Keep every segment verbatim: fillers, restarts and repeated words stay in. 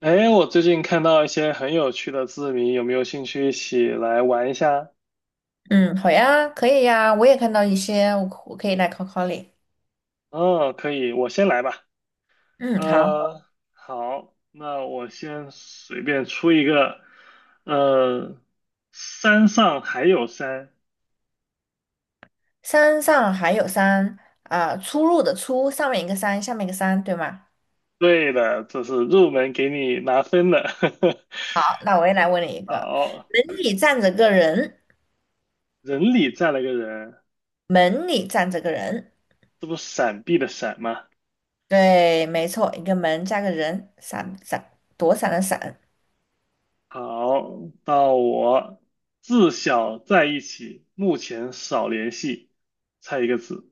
哎，我最近看到一些很有趣的字谜，有没有兴趣一起来玩一下？嗯，好呀，可以呀，我也看到一些，我可我可以来考考你。嗯，可以，我先来吧。嗯，好，呃，好，那我先随便出一个。呃，山上还有山，山上还有山啊，出入的出，上面一个山，下面一个山，对吗？对的，这是入门给你拿分的。好，那我也来问你一 个，好，门里站着个人，人里站了个人，门里站着个人，这不闪避的闪吗？对，没错，一个门加个人，闪闪躲闪的闪，好，到我，自小在一起，目前少联系，猜一个字。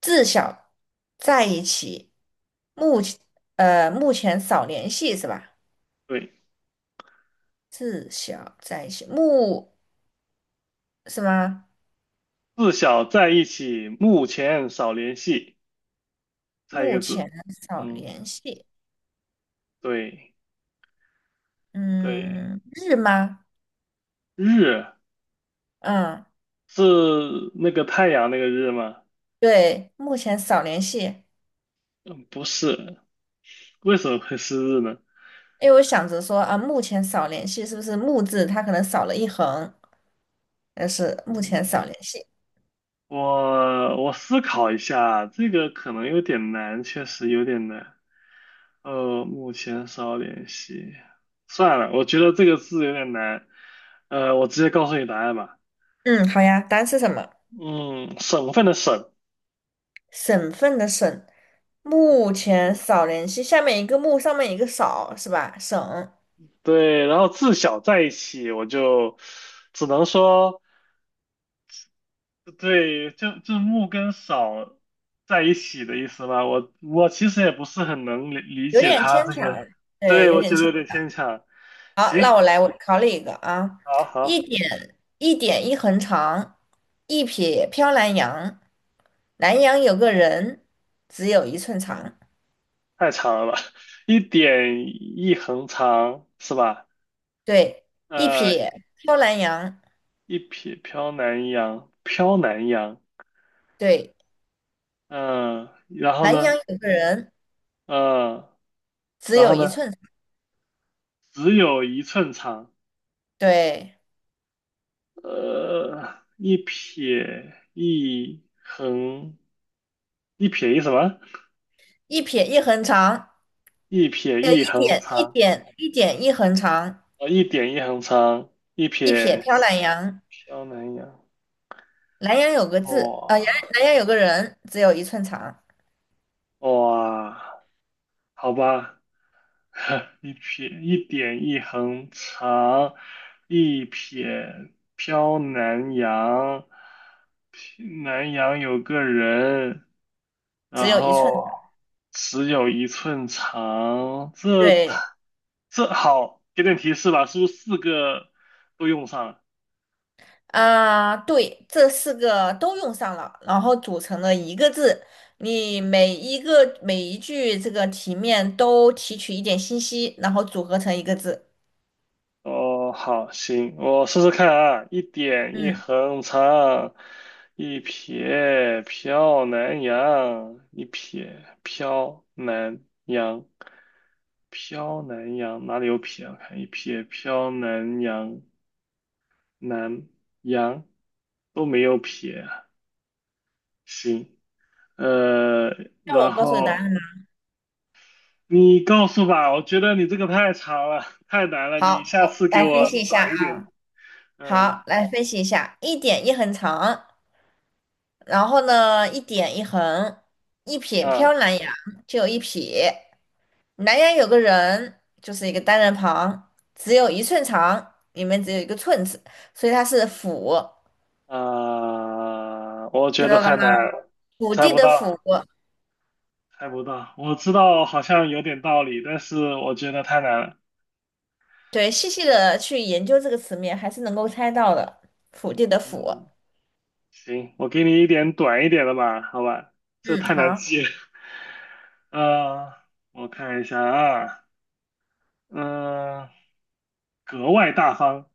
自小在一起，目前呃目前少联系是吧？对，自小在一起，目是吗？自小在一起，目前少联系，猜一目个字。前少嗯，联系，对对，嗯，日吗？日嗯，是那个太阳那个日吗？对，目前少联系，嗯，不是，为什么会是日呢？因为我想着说啊，目前少联系是不是木字它可能少了一横，但是目前少联系。我我思考一下，这个可能有点难，确实有点难。呃，目前少联系，算了，我觉得这个字有点难。呃，我直接告诉你答案吧。嗯，好呀，单是什么？嗯，省份的省。省份的省，目嗯前少联系，下面一个木，上面一个少，是吧？省，对，然后自小在一起，我就只能说，对，就就木跟少在一起的意思吧。我我其实也不是很能理理有嗯解点他牵这强，个，对，对，有我点觉得牵。有点牵强。好，那行，我来，我考你一个啊，好一好，点一点一横长，一撇飘南洋。南洋有个人，只有一寸长。太长了吧，一点一横长是吧？对，一呃，撇飘南洋。一撇飘南洋，飘南洋，对，嗯、然后南呢，洋有个人，嗯、只然有后一呢，寸长。只有一寸长。对，呃，一撇一横，一撇一什么？一撇一横长，一撇一一横点一长，点一点一横长，呃，一点一横长，一一撇撇飘南洋。萧南洋，南洋有个字，啊，南哇南洋有个人，只有一寸长，哇，好吧，一撇一点一横长，一撇飘南洋，南洋有个人。只然有一寸。后只有一寸长，这太对。这好，给点提示吧，是不是四个都用上了？啊，对，这四个都用上了，然后组成了一个字。你每一个每一句这个题面都提取一点信息，然后组合成一个字。哦，好，行，我试试看啊，一点一嗯，横长，一撇飘南洋，一撇飘南洋，飘南洋哪里有撇啊？我看一撇飘南洋，南洋都没有撇啊，行。呃，那然我告诉你答后案吧。你告诉吧，我觉得你这个太长了，太难了，你好，下次给来分我析一下短一啊。点的。嗯，好，来分析一下，一点一横长。然后呢，一点一横，一撇飘啊南阳，就有一撇。南阳有个人，就是一个单人旁，只有一寸长，里面只有一个寸字，所以它是府，啊我觉看得到了太吗？难了，府猜地不的到，府，猜不到。我知道好像有点道理，但是我觉得太难了。对，细细的去研究这个词面，还是能够猜到的。府地的府，嗯，行，我给你一点短一点的吧，好吧，这嗯，太难好，记了。呃，我看一下啊，嗯、格外大方。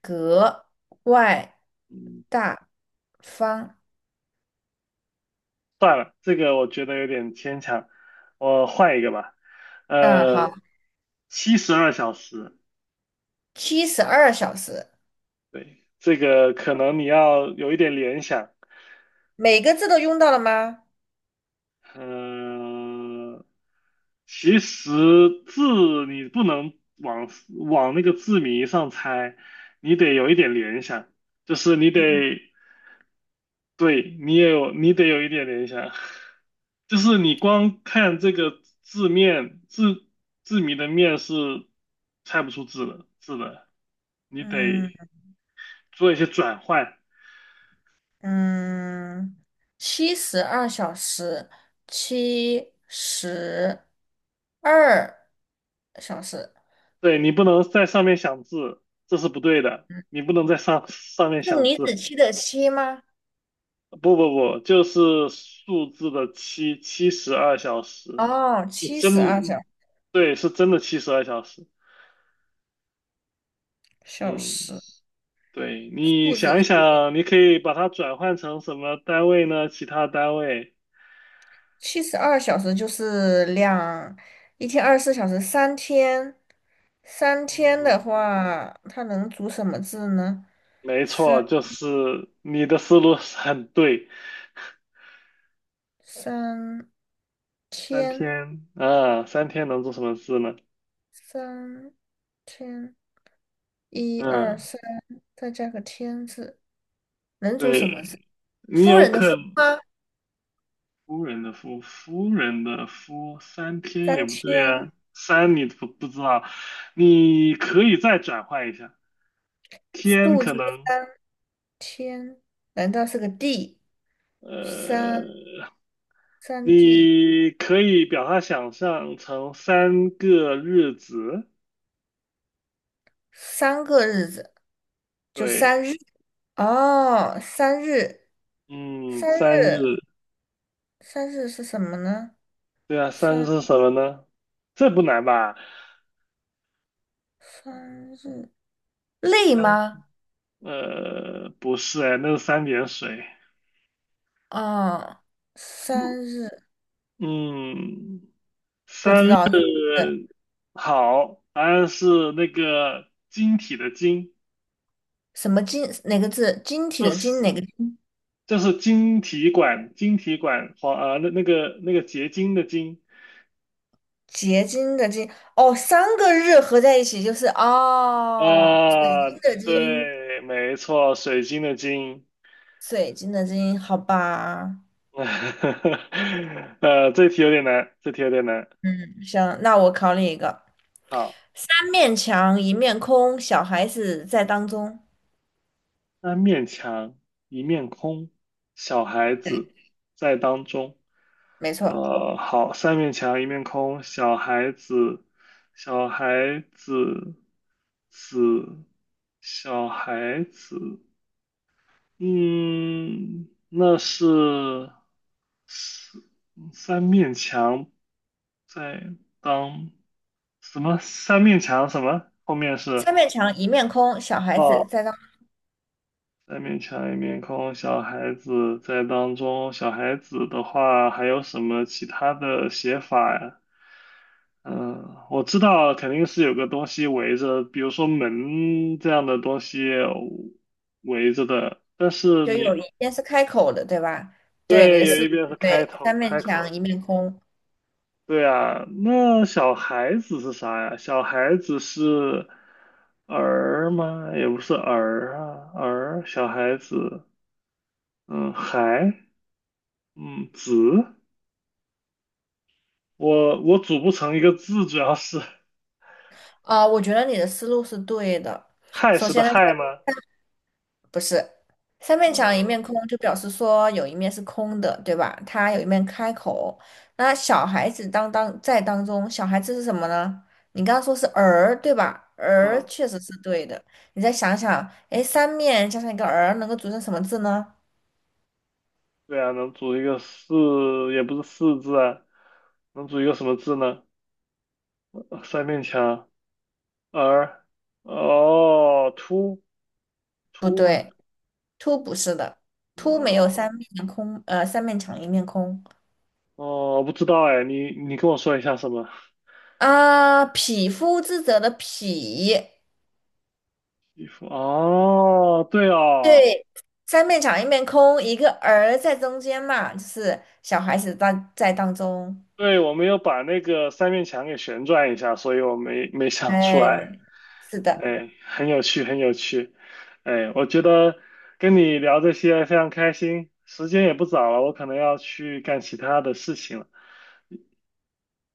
格外嗯大方。算了，这个我觉得有点牵强，我换一个吧。嗯，好，呃，七十二小时，七十二小时，对，这个可能你要有一点联想。每个字都用到了吗？嗯，其实字你不能往往那个字谜上猜，你得有一点联想，就是你得嗯对，你也有，你得有一点联想，就是你光看这个字面，字字谜的面是猜不出字的字的，你得嗯。做一些转换，嗯，七十二小时，七十二小时，对，你不能在上面想字，这是不对的，你不能在上上面是想李字，子柒的柒吗？不不不，就是数字的七，七十二小时，哦，就七十二真，小对，是真的七十二小时，小嗯。时，对，你兔子想一想，你可以把它转换成什么单位呢？其他单位。七十二小时就是两，一天二十四小时，三天，三天的嗯，话，它能组什么字呢？没三错，就是你的思路是很对。三三天，天，啊，三天能做什么事呢？三天，一二嗯，三，再加个天字。能组什对，么字？你夫有人的夫可吗？夫人的夫，夫人的夫，三天也三不对天啊，三你不不知道，你可以再转换一下，天数可字能，三天，难道是个地？三呃。三地，你可以把它想象成三个日子，三个日子，就对，三日。哦，三日，嗯，三三日，日，三日是什么呢？对啊，三日三是什么呢？这不难吧？三日，累三，吗？呃，不是哎，那是三点水。哦，三日，嗯，不知道是呃好，答案是那个晶体的晶，什么金哪个字？晶体就的晶是哪个金？就是晶体管，晶体管黄啊，那那个那个结晶的晶结晶的晶，哦，三个日合在一起就是哦，水啊，晶的晶，对，没错，水晶的晶。水晶的晶，好吧。呃，这题有点难，这题有点难。行，那我考你一个：好，三面墙，一面空，小孩子在当中。三面墙，一面空，小孩子在当中。没错，呃，好，三面墙，一面空，小孩子，小孩子，子，小孩子。嗯，那是三三面墙在当什么？三面墙什么？后面是。三面墙，一面空，小孩子哦，在当中，三面墙一面空，小孩子在当中。小孩子的话，还有什么其他的写法呀？嗯，我知道肯定是有个东西围着，比如说门这样的东西围着的。但是就你，有一边是开口的，对吧？对，你的对，有思一路边是是开对，头三面开口墙，一面空。对啊，那小孩子是啥呀？小孩子是儿吗？也不是儿啊，儿，小孩子，嗯，孩。嗯，子，我我组不成一个字，主要是啊、我觉得你的思路是对的。亥首时的先呢。亥吗？不是，三面墙一嗯面空，就表示说有一面是空的，对吧？它有一面开口。那小孩子当当在当中，小孩子是什么呢？你刚刚说是儿，对吧？儿嗯，确实是对的。你再想想，哎，三面加上一个儿，能够组成什么字呢？对啊，能组一个四，也不是四字啊，能组一个什么字呢？呃三面墙，儿，哦，凸不凸吗？对，凸不是的，凸没有呃，三面空，呃，三面墙一面空哦，我不知道哎，你你跟我说一下什么？啊。匹夫之责的匹，衣服哦，对哦，对，三面墙一面空，一个儿在中间嘛，就是小孩子当在当中。对，我没有把那个三面墙给旋转一下，所以我没没想出来。对，是的，哎，很有趣，很有趣。哎，我觉得跟你聊这些非常开心，时间也不早了，我可能要去干其他的事情了。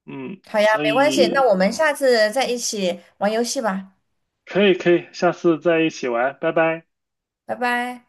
嗯，好呀，所没关系，那以我们下次再一起玩游戏吧，可以可以，下次再一起玩，拜拜。拜拜。